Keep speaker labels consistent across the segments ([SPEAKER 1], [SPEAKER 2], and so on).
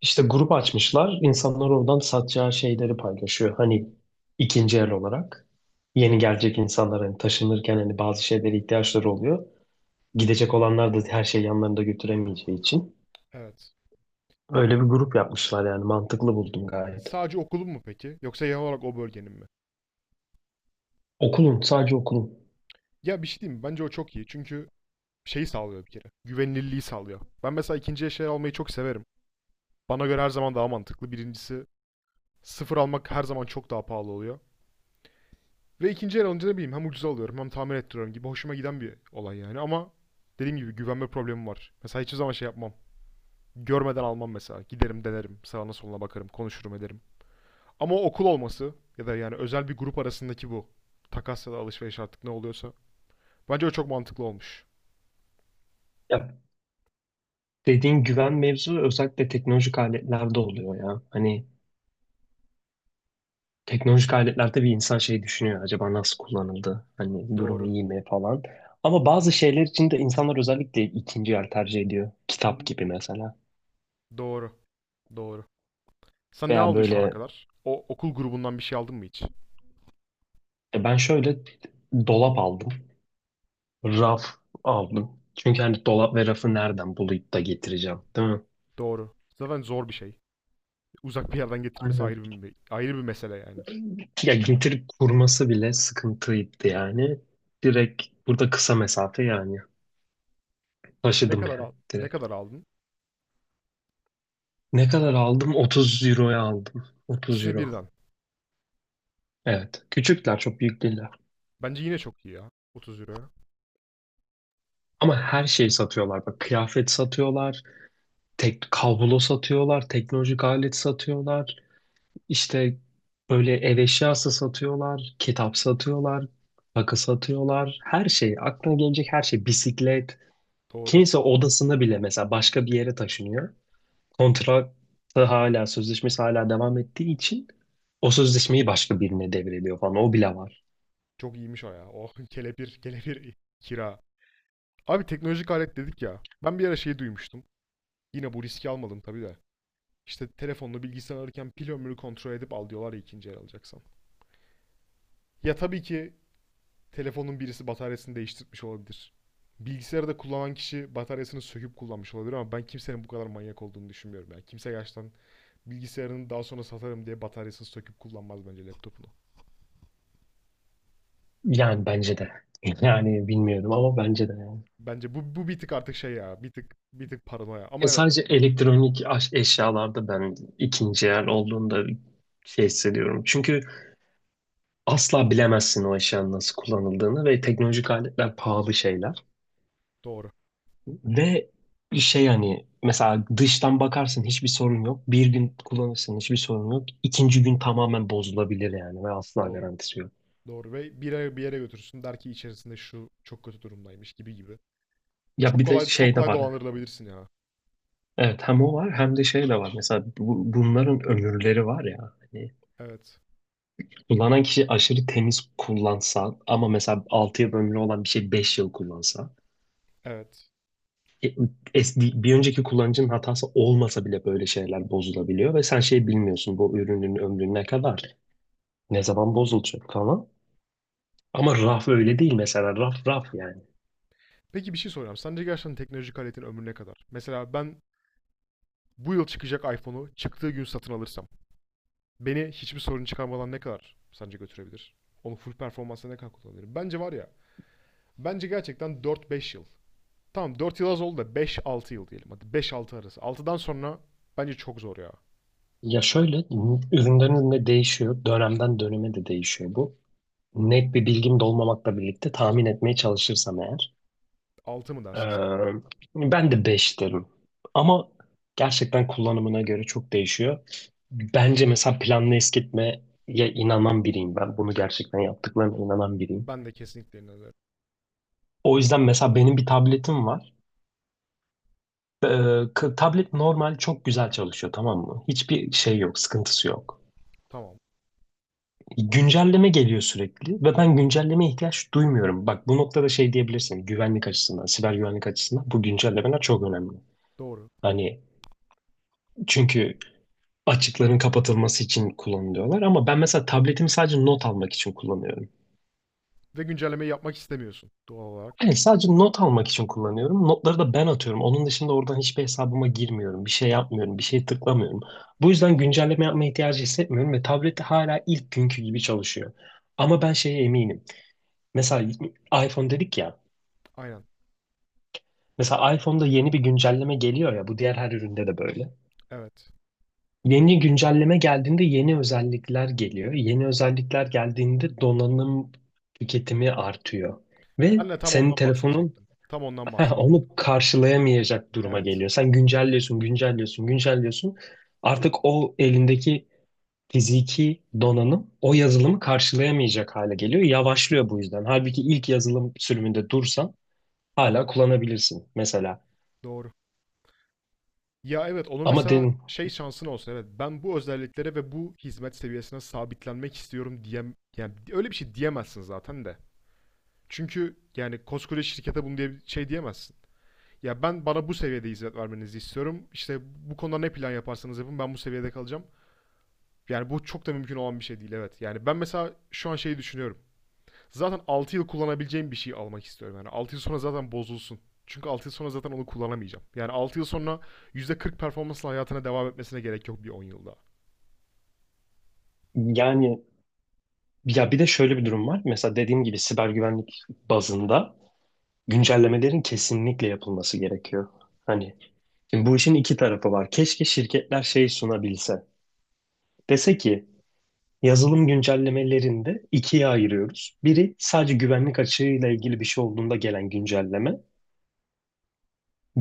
[SPEAKER 1] İşte grup açmışlar. İnsanlar oradan satacağı şeyleri paylaşıyor. Hani ikinci el olarak. Yeni gelecek insanlar hani taşınırken hani bazı şeylere ihtiyaçları oluyor. Gidecek olanlar da her şeyi yanlarında götüremeyeceği için.
[SPEAKER 2] Evet.
[SPEAKER 1] Öyle bir grup yapmışlar yani mantıklı buldum gayet.
[SPEAKER 2] Sadece okulun mu peki? Yoksa genel olarak o bölgenin mi?
[SPEAKER 1] Okulun, sadece okulun.
[SPEAKER 2] Ya bir şey diyeyim mi? Bence o çok iyi. Çünkü şeyi sağlıyor bir kere. Güvenilirliği sağlıyor. Ben mesela ikinci eşya almayı çok severim. Bana göre her zaman daha mantıklı. Birincisi sıfır almak her zaman çok daha pahalı oluyor. Ve ikinci el alınca ne bileyim hem ucuza alıyorum hem tamir ettiriyorum gibi hoşuma giden bir olay yani ama dediğim gibi güvenme problemi var. Mesela hiçbir zaman şey yapmam. Görmeden almam mesela. Giderim denerim. Sağına soluna bakarım. Konuşurum ederim. Ama okul olması ya da yani özel bir grup arasındaki bu takas ya da alışveriş artık ne oluyorsa. Bence o çok mantıklı olmuş.
[SPEAKER 1] Ya, dediğin güven mevzu özellikle teknolojik aletlerde oluyor ya. Hani teknolojik aletler tabii insan şey düşünüyor. Acaba nasıl kullanıldı? Hani durumu
[SPEAKER 2] Doğru.
[SPEAKER 1] iyi mi falan. Ama bazı şeyler için de insanlar özellikle ikinci yer tercih ediyor. Kitap gibi mesela.
[SPEAKER 2] Doğru. Doğru. Sen ne
[SPEAKER 1] Veya
[SPEAKER 2] aldın şu ana
[SPEAKER 1] böyle
[SPEAKER 2] kadar? O okul grubundan bir şey aldın mı hiç?
[SPEAKER 1] ben şöyle dolap aldım. Raf aldım. Çünkü hani dolap ve rafı nereden bulup da getireceğim, değil mi?
[SPEAKER 2] Doğru. Zaten zor bir şey. Uzak bir yerden getirmesi
[SPEAKER 1] Aynen.
[SPEAKER 2] ayrı bir mesele yani.
[SPEAKER 1] Ya getirip kurması bile sıkıntıydı yani. Direkt burada kısa mesafe yani.
[SPEAKER 2] Ne
[SPEAKER 1] Taşıdım
[SPEAKER 2] kadar
[SPEAKER 1] yani
[SPEAKER 2] aldın? Ne
[SPEAKER 1] direkt.
[SPEAKER 2] kadar aldın?
[SPEAKER 1] Ne kadar aldım? 30 euroya aldım. 30
[SPEAKER 2] İkisini
[SPEAKER 1] euro.
[SPEAKER 2] birden.
[SPEAKER 1] Evet. Küçükler, çok büyük değiller.
[SPEAKER 2] Bence yine çok iyi ya. 30 euro.
[SPEAKER 1] Ama her şeyi satıyorlar. Bak, kıyafet satıyorlar, tek kablo satıyorlar, teknolojik alet satıyorlar. İşte böyle ev eşyası satıyorlar, kitap satıyorlar, takı satıyorlar. Her şey, aklına gelecek her şey. Bisiklet.
[SPEAKER 2] Doğru.
[SPEAKER 1] Kimse odasını bile, mesela başka bir yere taşınıyor. Kontratı hala, sözleşmesi hala devam ettiği için o sözleşmeyi başka birine devrediyor falan. O bile var.
[SPEAKER 2] Çok iyiymiş o ya. Oh kelepir kelepir kira. Abi teknolojik alet dedik ya. Ben bir ara şey duymuştum. Yine bu riski almadım tabii de. İşte telefonla bilgisayar alırken pil ömrünü kontrol edip al diyorlar ya ikinci el alacaksan. Ya tabii ki telefonun birisi bataryasını değiştirmiş olabilir. Bilgisayarı da kullanan kişi bataryasını söküp kullanmış olabilir ama ben kimsenin bu kadar manyak olduğunu düşünmüyorum. Yani kimse gerçekten bilgisayarını daha sonra satarım diye bataryasını söküp kullanmaz bence laptopunu.
[SPEAKER 1] Yani bence de. Yani bilmiyorum ama bence de yani.
[SPEAKER 2] Bence bu bir tık artık şey ya. Bir tık paranoya.
[SPEAKER 1] Ya
[SPEAKER 2] Ama evet
[SPEAKER 1] sadece elektronik eşyalarda ben ikinci el olduğunda şey hissediyorum. Çünkü asla bilemezsin o eşyanın nasıl kullanıldığını ve teknolojik aletler pahalı şeyler.
[SPEAKER 2] doğru.
[SPEAKER 1] Ve şey, hani mesela dıştan bakarsın hiçbir sorun yok. Bir gün kullanırsın hiçbir sorun yok. İkinci gün tamamen bozulabilir yani ve asla
[SPEAKER 2] Doğru.
[SPEAKER 1] garantisi yok.
[SPEAKER 2] Doğru ve bir yere götürsün der ki içerisinde şu çok kötü durumdaymış gibi gibi.
[SPEAKER 1] Ya
[SPEAKER 2] Çok
[SPEAKER 1] bir de
[SPEAKER 2] kolay çok
[SPEAKER 1] şey de
[SPEAKER 2] kolay
[SPEAKER 1] var.
[SPEAKER 2] dolandırılabilirsin ya.
[SPEAKER 1] Evet, hem o var hem de şey de var. Mesela bunların ömürleri var ya. Hani
[SPEAKER 2] Evet.
[SPEAKER 1] kullanan kişi aşırı temiz kullansa ama mesela 6 yıl ömrü olan bir şey 5 yıl kullansa,
[SPEAKER 2] Evet.
[SPEAKER 1] e, bir önceki kullanıcının hatası olmasa bile böyle şeyler bozulabiliyor ve sen şey bilmiyorsun, bu ürünün ömrü ne kadar, ne zaman bozulacak falan. Ama raf öyle değil, mesela raf raf yani.
[SPEAKER 2] Peki bir şey soracağım. Sence gerçekten teknolojik aletin ömrü ne kadar? Mesela ben bu yıl çıkacak iPhone'u çıktığı gün satın alırsam beni hiçbir sorun çıkarmadan ne kadar sence götürebilir? Onu full performansa ne kadar kullanabilirim? Bence var ya. Bence gerçekten 4-5 yıl. Tamam 4 yıl az oldu da 5-6 yıl diyelim. Hadi 5-6 arası. Altıdan sonra bence çok zor ya.
[SPEAKER 1] Ya şöyle, üründen ürüne değişiyor, dönemden döneme de değişiyor bu. Net bir bilgim de olmamakla birlikte tahmin etmeye çalışırsam eğer,
[SPEAKER 2] Altı mı
[SPEAKER 1] Ee,
[SPEAKER 2] dersin sen?
[SPEAKER 1] ben de 5 derim. Ama gerçekten kullanımına göre çok değişiyor. Bence mesela planlı eskitmeye inanan biriyim ben. Bunu gerçekten yaptıklarına inanan biriyim.
[SPEAKER 2] Ben de kesinlikle inanıyorum.
[SPEAKER 1] O yüzden mesela benim bir tabletim var. Ee, tablet normal çok güzel çalışıyor, tamam mı? Hiçbir şey yok, sıkıntısı yok.
[SPEAKER 2] Tamam.
[SPEAKER 1] Güncelleme geliyor sürekli ve ben güncellemeye ihtiyaç duymuyorum. Bak, bu noktada şey diyebilirsin, güvenlik açısından, siber güvenlik açısından bu güncellemeler çok önemli.
[SPEAKER 2] Doğru.
[SPEAKER 1] Hani çünkü açıkların kapatılması için kullanılıyorlar. Ama ben mesela tabletimi sadece not almak için kullanıyorum.
[SPEAKER 2] Ve güncellemeyi yapmak istemiyorsun doğal olarak.
[SPEAKER 1] Yani sadece not almak için kullanıyorum. Notları da ben atıyorum. Onun dışında oradan hiçbir hesabıma girmiyorum. Bir şey yapmıyorum. Bir şey tıklamıyorum. Bu yüzden güncelleme yapma ihtiyacı hissetmiyorum ve tablette hala ilk günkü gibi çalışıyor. Ama ben şeye eminim. Mesela iPhone dedik ya.
[SPEAKER 2] Aynen.
[SPEAKER 1] Mesela iPhone'da yeni bir güncelleme geliyor ya. Bu diğer her üründe de böyle.
[SPEAKER 2] Evet.
[SPEAKER 1] Yeni güncelleme geldiğinde yeni özellikler geliyor. Yeni özellikler geldiğinde donanım tüketimi artıyor. Ve
[SPEAKER 2] Ben de tam
[SPEAKER 1] senin
[SPEAKER 2] ondan
[SPEAKER 1] telefonun
[SPEAKER 2] bahsedecektim. Tam ondan
[SPEAKER 1] onu
[SPEAKER 2] bahsedecektim.
[SPEAKER 1] karşılayamayacak duruma
[SPEAKER 2] Evet.
[SPEAKER 1] geliyor. Sen güncelliyorsun, güncelliyorsun, güncelliyorsun. Artık o elindeki fiziki donanım o yazılımı karşılayamayacak hale geliyor. Yavaşlıyor bu yüzden. Halbuki ilk yazılım sürümünde dursan hala kullanabilirsin mesela.
[SPEAKER 2] Doğru. Ya evet onu
[SPEAKER 1] Ama
[SPEAKER 2] mesela
[SPEAKER 1] den
[SPEAKER 2] şey şansın olsun evet ben bu özelliklere ve bu hizmet seviyesine sabitlenmek istiyorum diyem yani öyle bir şey diyemezsin zaten de. Çünkü yani koskoca şirkete bunu diye şey diyemezsin. Ya ben bana bu seviyede hizmet vermenizi istiyorum. İşte bu konuda ne plan yaparsanız yapın ben bu seviyede kalacağım. Yani bu çok da mümkün olan bir şey değil evet. Yani ben mesela şu an şeyi düşünüyorum. Zaten 6 yıl kullanabileceğim bir şey almak istiyorum. Yani 6 yıl sonra zaten bozulsun. Çünkü 6 yıl sonra zaten onu kullanamayacağım. Yani 6 yıl sonra %40 performansla hayatına devam etmesine gerek yok bir 10 yıl daha.
[SPEAKER 1] yani. Ya bir de şöyle bir durum var. Mesela dediğim gibi siber güvenlik bazında güncellemelerin kesinlikle yapılması gerekiyor. Hani şimdi bu işin iki tarafı var. Keşke şirketler şey sunabilse. Dese ki yazılım güncellemelerinde ikiye ayırıyoruz. Biri sadece güvenlik açığıyla ilgili bir şey olduğunda gelen güncelleme.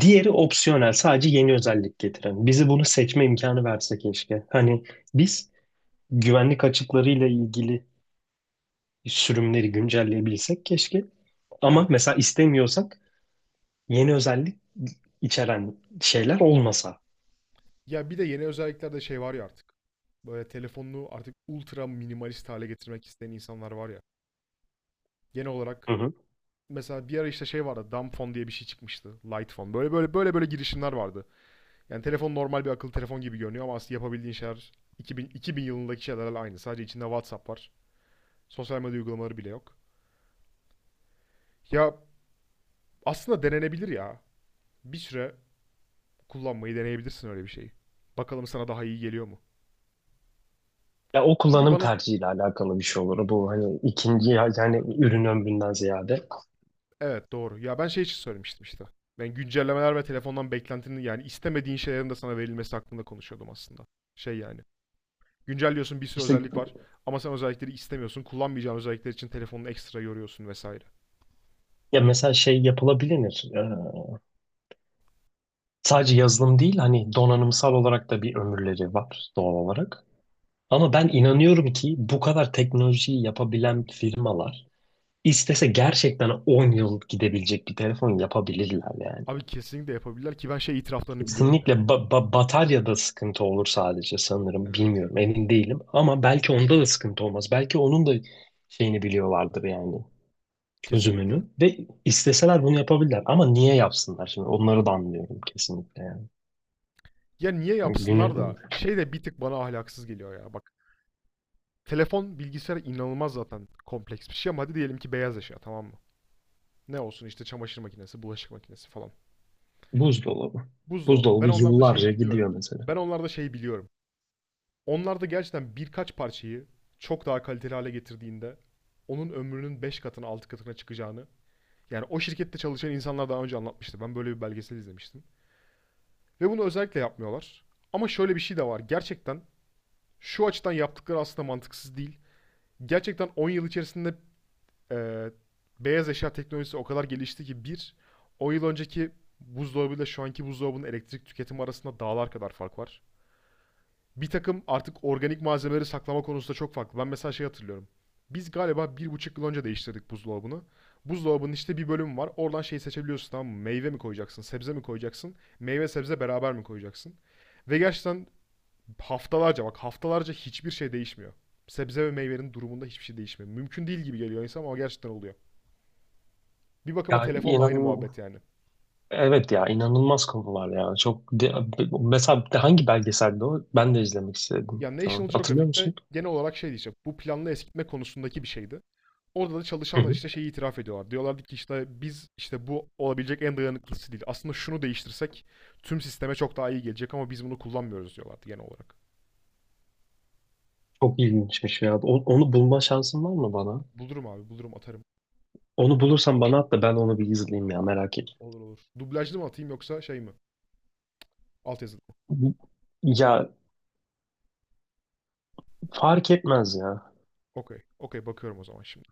[SPEAKER 1] Diğeri opsiyonel, sadece yeni özellik getiren. Bizi bunu seçme imkanı verse keşke. Hani biz güvenlik açıklarıyla ilgili sürümleri güncelleyebilsek keşke. Ama
[SPEAKER 2] Evet.
[SPEAKER 1] mesela istemiyorsak yeni özellik içeren şeyler olmasa.
[SPEAKER 2] Ya bir de yeni özelliklerde şey var ya artık. Böyle telefonunu artık ultra minimalist hale getirmek isteyen insanlar var ya. Genel olarak
[SPEAKER 1] Hı hı.
[SPEAKER 2] mesela bir ara işte şey vardı. Dumb phone diye bir şey çıkmıştı. Light phone. Böyle böyle böyle böyle girişimler vardı. Yani telefon normal bir akıllı telefon gibi görünüyor ama aslında yapabildiğin şeyler 2000, 2000 yılındaki şeylerle aynı. Sadece içinde WhatsApp var. Sosyal medya uygulamaları bile yok. Ya aslında denenebilir ya. Bir süre kullanmayı deneyebilirsin öyle bir şeyi. Bakalım sana daha iyi geliyor mu?
[SPEAKER 1] Ya o
[SPEAKER 2] Çünkü
[SPEAKER 1] kullanım
[SPEAKER 2] bana
[SPEAKER 1] tercihiyle alakalı bir şey olur. Bu hani yani ürün ömründen ziyade.
[SPEAKER 2] evet doğru. Ya ben şey için söylemiştim işte. Ben güncellemeler ve telefondan beklentinin yani istemediğin şeylerin de sana verilmesi hakkında konuşuyordum aslında. Şey yani. Güncelliyorsun bir sürü
[SPEAKER 1] İşte
[SPEAKER 2] özellik var. Ama sen özellikleri istemiyorsun. Kullanmayacağın özellikler için telefonunu ekstra yoruyorsun vesaire.
[SPEAKER 1] ya mesela şey yapılabilir. Sadece yazılım değil, hani donanımsal olarak da bir ömürleri var doğal olarak. Ama ben inanıyorum ki bu kadar teknolojiyi yapabilen firmalar istese gerçekten 10 yıl gidebilecek bir telefon yapabilirler yani.
[SPEAKER 2] Abi kesinlikle yapabilirler ki ben şey itiraflarını biliyorum ya.
[SPEAKER 1] Kesinlikle bataryada sıkıntı olur sadece sanırım.
[SPEAKER 2] Evet.
[SPEAKER 1] Bilmiyorum, emin değilim. Ama belki onda da sıkıntı olmaz. Belki onun da şeyini biliyorlardır yani,
[SPEAKER 2] Kesinlikle.
[SPEAKER 1] çözümünü. Ve isteseler bunu yapabilirler. Ama niye yapsınlar şimdi? Onları da anlıyorum kesinlikle yani.
[SPEAKER 2] Ya niye yapsınlar
[SPEAKER 1] Günü
[SPEAKER 2] da şey de bir tık bana ahlaksız geliyor ya. Bak telefon bilgisayar inanılmaz zaten kompleks bir şey ama hadi diyelim ki beyaz eşya tamam mı? Ne olsun işte çamaşır makinesi, bulaşık makinesi falan.
[SPEAKER 1] buzdolabı.
[SPEAKER 2] Buzdolabı. Ben
[SPEAKER 1] Buzdolabı
[SPEAKER 2] onlarda şey
[SPEAKER 1] yıllarca gidiyor
[SPEAKER 2] biliyorum.
[SPEAKER 1] mesela.
[SPEAKER 2] Ben onlarda şey biliyorum. Onlar da gerçekten birkaç parçayı çok daha kaliteli hale getirdiğinde onun ömrünün 5 katına 6 katına çıkacağını yani o şirkette çalışan insanlar daha önce anlatmıştı. Ben böyle bir belgesel izlemiştim. Ve bunu özellikle yapmıyorlar. Ama şöyle bir şey de var. Gerçekten şu açıdan yaptıkları aslında mantıksız değil. Gerçekten 10 yıl içerisinde e, beyaz eşya teknolojisi o kadar gelişti ki 10 yıl önceki buzdolabıyla şu anki buzdolabının elektrik tüketimi arasında dağlar kadar fark var. Bir takım artık organik malzemeleri saklama konusunda çok farklı. Ben mesela şey hatırlıyorum. Biz galiba 1,5 yıl önce değiştirdik buzdolabını. Buzdolabının işte bir bölümü var. Oradan şey seçebiliyorsun tamam mı? Meyve mi koyacaksın, sebze mi koyacaksın? Meyve sebze beraber mi koyacaksın? Ve gerçekten haftalarca bak haftalarca hiçbir şey değişmiyor. Sebze ve meyvenin durumunda hiçbir şey değişmiyor. Mümkün değil gibi geliyor insan ama gerçekten oluyor. Bir
[SPEAKER 1] Ya
[SPEAKER 2] bakıma telefonla
[SPEAKER 1] inan,
[SPEAKER 2] aynı muhabbet yani.
[SPEAKER 1] evet ya inanılmaz konular ya. Mesela hangi belgeselde o? Ben de izlemek istedim
[SPEAKER 2] Ya
[SPEAKER 1] şu an.
[SPEAKER 2] National
[SPEAKER 1] Hatırlıyor
[SPEAKER 2] Geographic'te
[SPEAKER 1] musun?
[SPEAKER 2] genel olarak şey diyeceğim. Bu planlı eskitme konusundaki bir şeydi. Orada da
[SPEAKER 1] Hı
[SPEAKER 2] çalışanlar
[SPEAKER 1] hı.
[SPEAKER 2] işte şeyi itiraf ediyorlar. Diyorlardı ki işte biz işte bu olabilecek en dayanıklısı değil. Aslında şunu değiştirsek tüm sisteme çok daha iyi gelecek ama biz bunu kullanmıyoruz diyorlardı genel olarak.
[SPEAKER 1] Çok ilginçmiş ya. Onu bulma şansın var mı bana?
[SPEAKER 2] Bulurum abi bulurum atarım.
[SPEAKER 1] Onu bulursan bana at da ben onu bir izleyeyim ya, merak et.
[SPEAKER 2] Olur olur. Dublajlı mı atayım yoksa şey mi? Altyazılı.
[SPEAKER 1] Ya fark etmez ya.
[SPEAKER 2] Okey. Okey bakıyorum o zaman şimdi.